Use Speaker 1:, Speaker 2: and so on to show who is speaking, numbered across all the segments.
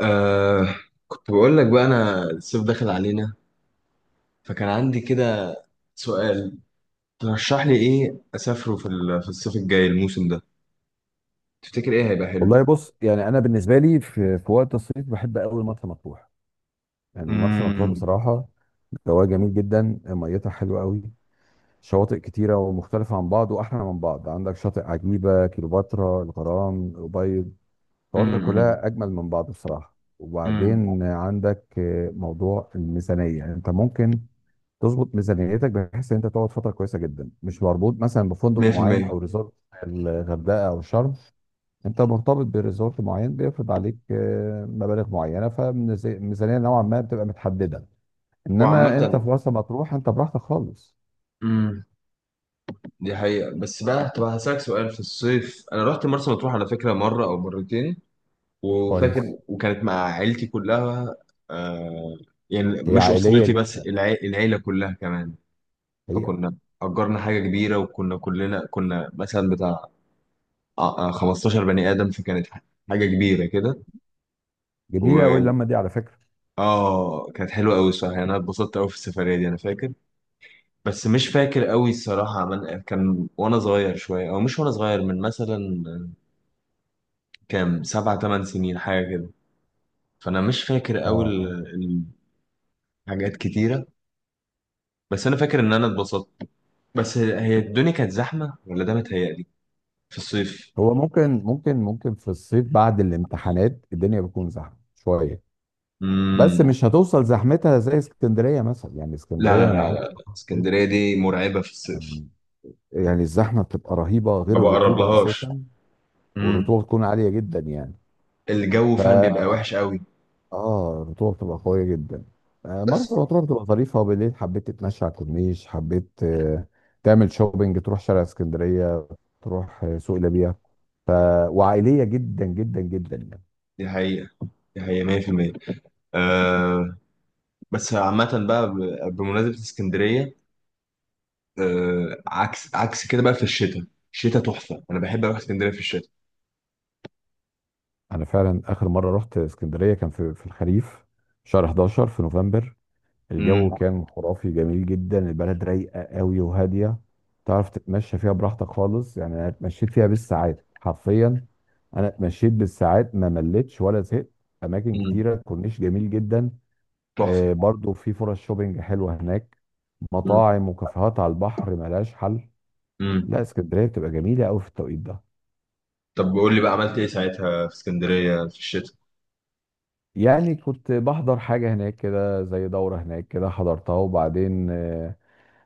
Speaker 1: آه، كنت بقول لك بقى انا الصيف داخل علينا، فكان عندي كده سؤال. ترشح لي ايه اسافره في الصيف الجاي الموسم ده؟ تفتكر ايه هيبقى حلو؟
Speaker 2: والله بص يعني انا بالنسبه لي في وقت الصيف بحب قوي مرسى مطروح. يعني مرسى مطروح
Speaker 1: امم،
Speaker 2: بصراحه جواها جميل جدا، ميتها حلوه قوي. شواطئ كتيره ومختلفه عن بعض واحلى من بعض، عندك شاطئ عجيبه، كيلوباترا، الغرام، الأبيض، الشواطئ
Speaker 1: امم،
Speaker 2: كلها اجمل من بعض بصراحه.
Speaker 1: امم،
Speaker 2: وبعدين عندك موضوع الميزانيه، يعني انت ممكن تظبط ميزانيتك بحيث ان انت تقعد فتره كويسه جدا مش مربوط مثلا بفندق معين
Speaker 1: 100%.
Speaker 2: او ريزورت الغردقه او شرم. انت مرتبط بريزورت معين بيفرض عليك مبالغ معينه، فميزانيه نوعا ما بتبقى متحدده. انما
Speaker 1: وعامة،
Speaker 2: انت في مرسى مطروح انت براحتك خالص.
Speaker 1: امم دي حقيقة. بس بقى طب هسألك سؤال، في الصيف انا رحت مرسى مطروح على فكرة مرة او مرتين،
Speaker 2: كويس.
Speaker 1: وفاكر، وكانت مع عيلتي كلها. آه، يعني
Speaker 2: هي
Speaker 1: مش
Speaker 2: عائليه
Speaker 1: اسرتي بس،
Speaker 2: جدا،
Speaker 1: العيلة كلها كمان.
Speaker 2: حقيقه.
Speaker 1: فكنا أجرنا حاجة كبيرة، وكنا كلنا كنا مثلا بتاع 15 بني آدم، فكانت حاجة كبيرة كده.
Speaker 2: جميله قوي
Speaker 1: و
Speaker 2: اللمه دي على فكره.
Speaker 1: اه آه كانت حلوة أوي الصراحة، يعني أنا اتبسطت أوي في السفرية دي أنا فاكر. بس مش فاكر أوي الصراحة، عمل كان وأنا صغير شوية، أو مش وأنا صغير، من مثلا كام 7 8 سنين حاجة كده. فأنا مش فاكر أوي
Speaker 2: اه،
Speaker 1: الحاجات كتيرة، بس أنا فاكر إن أنا اتبسطت. بس هي الدنيا كانت زحمة ولا ده متهيألي، في الصيف؟
Speaker 2: هو ممكن ممكن في الصيف بعد الامتحانات الدنيا بتكون زحمه شويه، بس
Speaker 1: امم.
Speaker 2: مش هتوصل زحمتها زي اسكندريه مثلا. يعني
Speaker 1: لا
Speaker 2: اسكندريه
Speaker 1: لا
Speaker 2: انا ما
Speaker 1: لا
Speaker 2: بحبش
Speaker 1: لا،
Speaker 2: أروحها في الصيف.
Speaker 1: اسكندرية دي مرعبة في الصيف،
Speaker 2: يعني يعني الزحمه بتبقى رهيبه،
Speaker 1: ما
Speaker 2: غير
Speaker 1: بقرب
Speaker 2: الرطوبه
Speaker 1: لهاش.
Speaker 2: اساسا،
Speaker 1: امم.
Speaker 2: والرطوبه بتكون عاليه جدا يعني.
Speaker 1: الجو
Speaker 2: ف
Speaker 1: فعلا بيبقى وحش قوي.
Speaker 2: اه الرطوبه بتبقى قويه جدا.
Speaker 1: بس
Speaker 2: مرسى مطروح بتبقى ظريفه، وبالليل حبيت تتمشى على الكورنيش، حبيت تعمل شوبينج، تروح شارع اسكندريه، تروح سوق ليبيا. ف... وعائليه جدا جدا جدا يعني.
Speaker 1: دي حقيقة، دي حقيقة 100%. آه. بس عامة بقى بمناسبة اسكندرية، آه عكس عكس كده بقى في الشتاء. الشتاء تحفة، أنا بحب أروح اسكندرية في الشتاء.
Speaker 2: انا فعلا اخر مره رحت اسكندريه كان في الخريف، شهر 11 في نوفمبر. الجو
Speaker 1: امم.
Speaker 2: كان خرافي جميل جدا، البلد رايقه قوي وهاديه. تعرف تتمشى فيها براحتك خالص، يعني انا اتمشيت فيها بالساعات حرفيا. انا اتمشيت بالساعات ما مليتش ولا زهقت. اماكن
Speaker 1: مم.
Speaker 2: كتيره، كورنيش جميل جدا.
Speaker 1: تحفة.
Speaker 2: برضو في فرص شوبينج حلوه هناك،
Speaker 1: مم.
Speaker 2: مطاعم وكافيهات على البحر ملهاش حل.
Speaker 1: مم.
Speaker 2: لا اسكندريه بتبقى جميله قوي في التوقيت ده.
Speaker 1: طب قول لي بقى عملت إيه ساعتها في اسكندرية في الشتاء؟
Speaker 2: يعني كنت بحضر حاجه هناك كده، زي دوره هناك كده حضرتها، وبعدين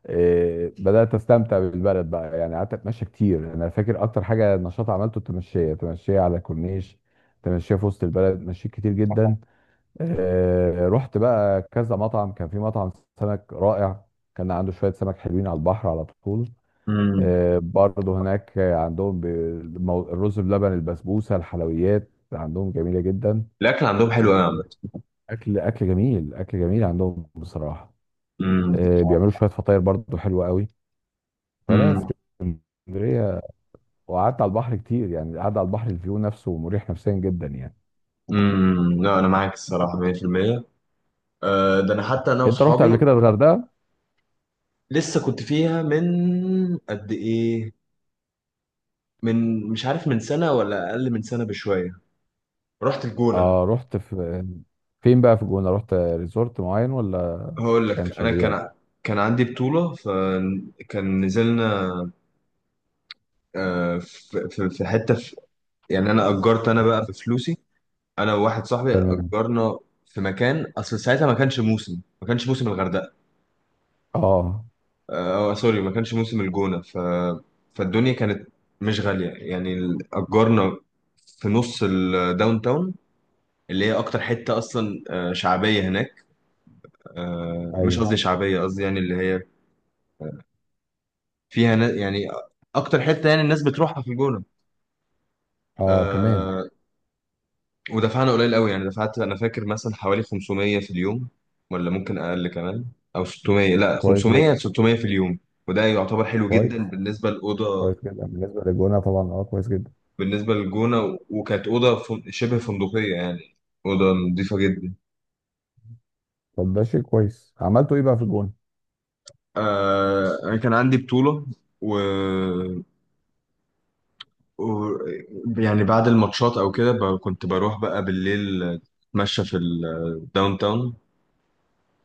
Speaker 2: بدات استمتع بالبلد بقى. يعني قعدت اتمشى كتير، يعني انا فاكر اكتر حاجه نشاط عملته التمشيه، تمشيه على الكورنيش، تمشيه في وسط البلد، مشيت كتير جدا. رحت بقى كذا مطعم، كان في مطعم سمك رائع، كان عنده شويه سمك حلوين على البحر على طول.
Speaker 1: امم.
Speaker 2: برضه هناك عندهم الرز بلبن، البسبوسه، الحلويات عندهم جميله جدا.
Speaker 1: الأكل عندهم حلو أوي يا عم.
Speaker 2: اكل، اكل جميل عندهم بصراحه.
Speaker 1: مم.
Speaker 2: بيعملوا شويه فطاير برضه حلوه قوي. فلا،
Speaker 1: مم.
Speaker 2: اسكندريه. وقعدت على البحر كتير، يعني القعده على البحر الفيو نفسه مريح نفسيا جدا يعني.
Speaker 1: مم. لا أنا معاك الصراحة 100%. آه، ده انا حتى انا
Speaker 2: انت رحت قبل
Speaker 1: واصحابي
Speaker 2: كده الغردقه؟
Speaker 1: لسه كنت فيها من قد ايه، من مش عارف من سنه ولا اقل من سنه بشويه. رحت الجونه.
Speaker 2: اه، رحت في فين بقى، في الجونه رحت ريزورت معين ولا
Speaker 1: هقول
Speaker 2: كان
Speaker 1: لك، انا
Speaker 2: شاليه ولا؟
Speaker 1: كان عندي بطوله فكان نزلنا في حته في، يعني انا اجرت، انا بقى بفلوسي، انا وواحد صاحبي
Speaker 2: تمام.
Speaker 1: اجرنا في مكان. اصل ساعتها ما كانش موسم، ما كانش موسم الغردقه.
Speaker 2: اه.
Speaker 1: آه سوري، ما كانش موسم الجونة فالدنيا كانت مش غالية يعني. أجرنا في نص الداون تاون، اللي هي أكتر حتة أصلا، آه، شعبية هناك. آه، مش
Speaker 2: ايوه.
Speaker 1: قصدي اه شعبية، قصدي يعني اللي هي فيها يعني أكتر حتة يعني الناس بتروحها في الجونة.
Speaker 2: اه، تمام.
Speaker 1: آه، ودفعنا قليل قوي، يعني دفعت أنا فاكر مثلا حوالي 500 في اليوم، ولا ممكن أقل كمان، أو 600، لا
Speaker 2: كويس جدا.
Speaker 1: 500 600 في اليوم. وده يعتبر حلو جدا
Speaker 2: كويس.
Speaker 1: بالنسبة للأوضة،
Speaker 2: كويس جدا بالنسبه للجونه طبعا، اه كويس جدا.
Speaker 1: بالنسبة للجونة. وكانت أوضة شبه فندقية يعني، أوضة نظيفة جدا.
Speaker 2: طب ده شيء كويس. عملتوا ايه بقى في الجونه؟
Speaker 1: آه أنا كان عندي بطولة و... و... يعني بعد الماتشات أو كده كنت بروح بقى بالليل أتمشى في الداون تاون،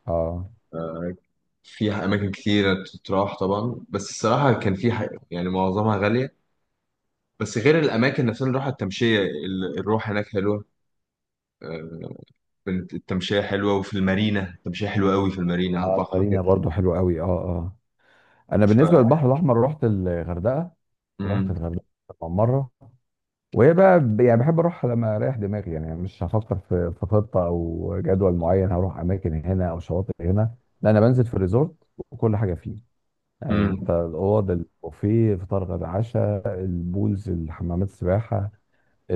Speaker 2: اه
Speaker 1: في أماكن كتيرة تتراح طبعا. بس الصراحة كان في يعني معظمها غالية. بس غير الأماكن نفسها، اللي راحة التمشية، الروح هناك حلوة. آه، كانت التمشية حلوة، وفي المارينا التمشية حلوة قوي، في المارينا على
Speaker 2: اه،
Speaker 1: البحر
Speaker 2: مارينا
Speaker 1: كده.
Speaker 2: برضو حلو قوي، اه اه. انا
Speaker 1: ف...
Speaker 2: بالنسبه للبحر الاحمر رحت الغردقه. رحت
Speaker 1: مم.
Speaker 2: الغردقه طبعاً مره، وهي بقى يعني بحب اروح لما اريح دماغي، يعني مش هفكر في خطه او جدول معين، هروح اماكن هنا او شواطئ هنا. لا، انا بنزل في الريزورت وكل حاجه فيه. يعني
Speaker 1: مم.
Speaker 2: انت الاوض، البوفيه، فطار غدا عشاء، البولز، الحمامات السباحه،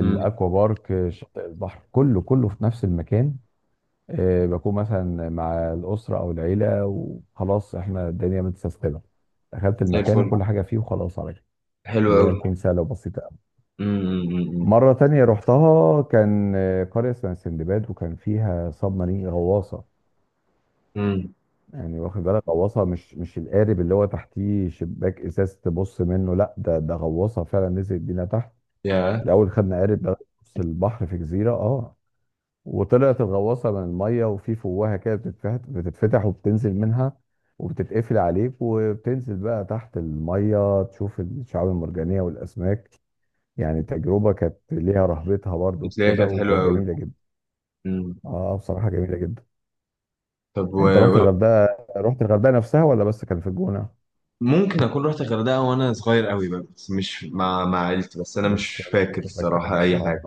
Speaker 1: امم.
Speaker 2: بارك، شاطئ البحر، كله كله في نفس المكان. بكون مثلا مع الاسره او العيله وخلاص، احنا الدنيا متسيستمه. دخلت
Speaker 1: زي
Speaker 2: المكان
Speaker 1: الفل،
Speaker 2: وكل حاجه فيه وخلاص، على كده
Speaker 1: حلو
Speaker 2: الدنيا
Speaker 1: قوي.
Speaker 2: تكون سهله وبسيطه.
Speaker 1: امم.
Speaker 2: مرة تانية رحتها كان قرية اسمها سندباد، وكان فيها سب مارين، غواصة.
Speaker 1: امم.
Speaker 2: يعني واخد بالك، غواصة، مش القارب اللي هو تحتيه شباك إزاز تبص منه، لا ده غواصة فعلا نزلت بينا تحت.
Speaker 1: يا،
Speaker 2: الأول خدنا قارب لغاية نص البحر في جزيرة اه، وطلعت الغواصة من المية، وفي فوهة كده بتتفتح، وبتنزل منها، وبتتقفل عليك وبتنزل بقى تحت المية تشوف الشعاب المرجانية والأسماك. يعني تجربة كانت ليها رهبتها برضو
Speaker 1: بتلاقيها
Speaker 2: كده،
Speaker 1: كانت حلوه
Speaker 2: وكانت
Speaker 1: قوي.
Speaker 2: جميلة جدا.
Speaker 1: امم.
Speaker 2: اه بصراحة جميلة جدا.
Speaker 1: طب
Speaker 2: يعني انت رحت الغردقة؟ رحت الغردقة نفسها ولا بس كان في الجونة؟
Speaker 1: ممكن اكون رحت الغردقه وانا صغير قوي بقى، بس مش مع عيلتي. بس انا
Speaker 2: مش
Speaker 1: مش
Speaker 2: مش
Speaker 1: فاكر الصراحه
Speaker 2: متذكر،
Speaker 1: اي
Speaker 2: اه
Speaker 1: حاجه.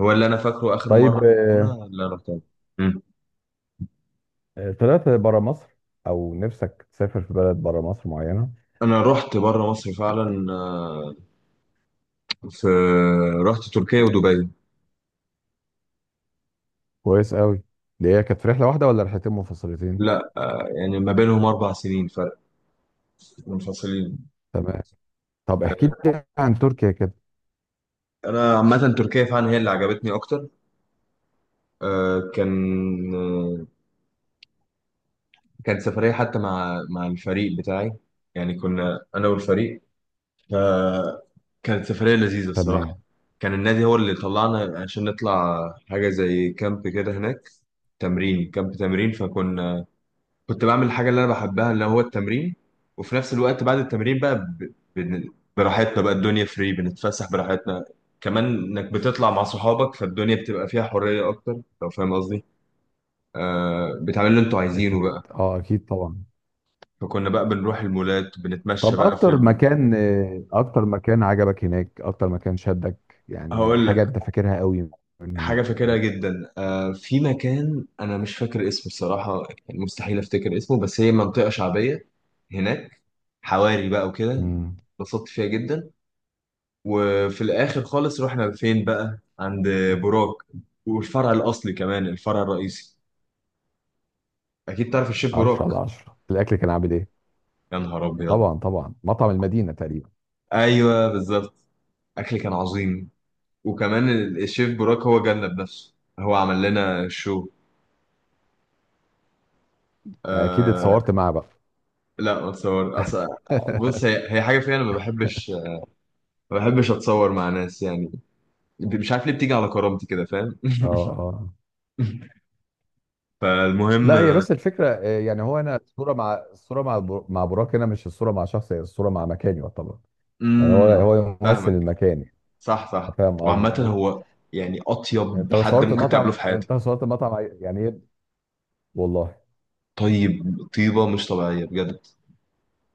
Speaker 1: هو اللي انا فاكره اخر مره
Speaker 2: طيب.
Speaker 1: هنا اللي انا رحتها. امم.
Speaker 2: طلعت برا مصر؟ او نفسك تسافر في بلد برا مصر معينة؟
Speaker 1: انا رحت بره مصر فعلا، آه، في، رحت تركيا ودبي.
Speaker 2: كويس قوي. دي هي كانت في رحلة واحدة ولا رحلتين منفصلتين؟
Speaker 1: لا، يعني ما بينهم 4 سنين فرق، منفصلين.
Speaker 2: تمام. طب احكي لي عن تركيا كده.
Speaker 1: انا عامه تركيا فعلا هي اللي عجبتني اكتر. آه، كان آه، كانت سفرية حتى مع الفريق بتاعي، يعني كنا أنا والفريق. فكانت سفرية لذيذة الصراحة.
Speaker 2: تمام.
Speaker 1: كان النادي هو اللي طلعنا عشان نطلع حاجة زي كامب كده هناك، تمرين كامب تمرين. كنت بعمل الحاجة اللي أنا بحبها اللي هو التمرين. وفي نفس الوقت بعد التمرين بقى براحتنا بقى، الدنيا فري، بنتفسح براحتنا. كمان إنك بتطلع مع صحابك، فالدنيا بتبقى فيها حرية أكتر لو فاهم قصدي. آه بتعمل اللي أنتوا عايزينه
Speaker 2: اكيد
Speaker 1: بقى.
Speaker 2: اه، اكيد طبعا.
Speaker 1: فكنا بقى بنروح المولات، بنتمشى
Speaker 2: طب
Speaker 1: بقى في
Speaker 2: اكتر مكان اكتر مكان عجبك هناك، اكتر مكان شدك يعني،
Speaker 1: هقول لك
Speaker 2: حاجة انت فاكرها قوي من
Speaker 1: حاجة فاكرها
Speaker 2: هناك.
Speaker 1: جدا، آه في مكان أنا مش فاكر اسمه الصراحة. يعني مستحيل أفتكر اسمه، بس هي منطقة شعبية هناك، حواري بقى وكده.
Speaker 2: مم.
Speaker 1: اتبسطت فيها جدا. وفي الآخر خالص رحنا فين بقى؟ عند بوراك، والفرع الأصلي كمان، الفرع الرئيسي. أكيد تعرف الشيف
Speaker 2: 10
Speaker 1: بوراك.
Speaker 2: على 10 الاكل كان عامل ايه؟
Speaker 1: يا نهار أبيض.
Speaker 2: طبعا طبعا، مطعم المدينه تقريبا.
Speaker 1: أيوه بالظبط. أكل كان عظيم. وكمان الشيف بوراك هو جالنا بنفسه، هو عمل لنا شو.
Speaker 2: اكيد
Speaker 1: أه.
Speaker 2: اتصورت معاه بقى؟
Speaker 1: لا ما اتصور اصل. بص هي حاجه فيها انا ما بحبش، ما بحبش اتصور مع ناس يعني. مش عارف ليه بتيجي على كرامتي كده، فاهم.
Speaker 2: اه اه.
Speaker 1: فالمهم.
Speaker 2: لا هي بس الفكره يعني هو انا الصوره، مع مع براك هنا مش الصوره مع شخص، هي الصوره مع مكان يعتبر. يعني هو
Speaker 1: امم.
Speaker 2: ممثل
Speaker 1: فاهمك،
Speaker 2: المكان يعني.
Speaker 1: صح صح.
Speaker 2: فاهم
Speaker 1: وعامه
Speaker 2: قصدي؟
Speaker 1: هو يعني
Speaker 2: يعني
Speaker 1: اطيب
Speaker 2: انت لو
Speaker 1: حد
Speaker 2: صورت
Speaker 1: ممكن تقابله
Speaker 2: المطعم،
Speaker 1: في حياتك.
Speaker 2: يعني ايه. والله.
Speaker 1: طيب، طيبه مش طبيعيه بجد،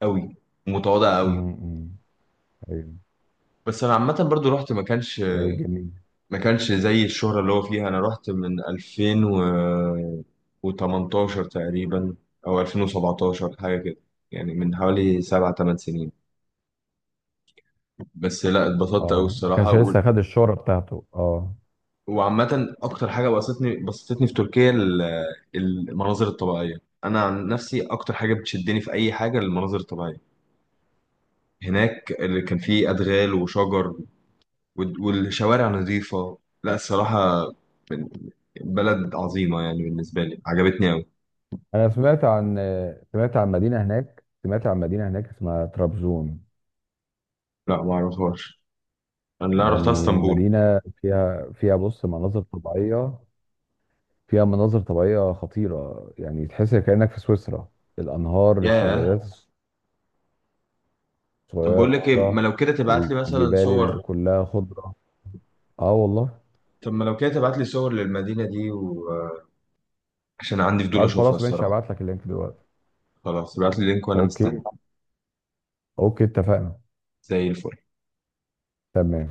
Speaker 1: قوي. ومتواضع قوي.
Speaker 2: امم، أمم. ايوه.
Speaker 1: بس انا عامه برضو رحت،
Speaker 2: إيه جميل.
Speaker 1: ما كانش زي الشهرة اللي هو فيها. انا رحت من 2018 تقريبا او 2017 حاجة كده، يعني من حوالي 7 8 سنين. بس لا، اتبسطت قوي
Speaker 2: اه ما
Speaker 1: الصراحة.
Speaker 2: كانش لسه خد الشهره بتاعته اه.
Speaker 1: وعامة اكتر حاجة بسطتني بسطتني في تركيا المناظر الطبيعية. انا عن نفسي اكتر حاجة بتشدني في اي حاجة المناظر الطبيعية. هناك اللي كان فيه ادغال وشجر والشوارع نظيفة. لا الصراحة بلد عظيمة يعني، بالنسبة لي عجبتني أوي.
Speaker 2: انا سمعت عن، سمعت عن مدينه هناك اسمها طرابزون.
Speaker 1: لا ما اعرفهاش، انا لا رحت
Speaker 2: يعني
Speaker 1: اسطنبول.
Speaker 2: مدينه فيها، بص مناظر طبيعيه، فيها مناظر طبيعيه خطيره، يعني تحس كانك في سويسرا. الانهار،
Speaker 1: ياه.
Speaker 2: الشلالات
Speaker 1: طب بقول
Speaker 2: الصغيره،
Speaker 1: لك ايه، ما لو كده تبعت لي مثلا
Speaker 2: الجبال اللي
Speaker 1: صور،
Speaker 2: كلها خضره. اه والله.
Speaker 1: طب ما لو كده تبعت لي صور للمدينة دي، وعشان عندي فضول
Speaker 2: طيب
Speaker 1: اشوفها
Speaker 2: خلاص ماشي،
Speaker 1: الصراحة.
Speaker 2: هبعت لك اللينك دلوقتي.
Speaker 1: خلاص تبعت لي لينك وانا مستني.
Speaker 2: اوكي، اوكي اتفقنا.
Speaker 1: زي الفل.
Speaker 2: تمام.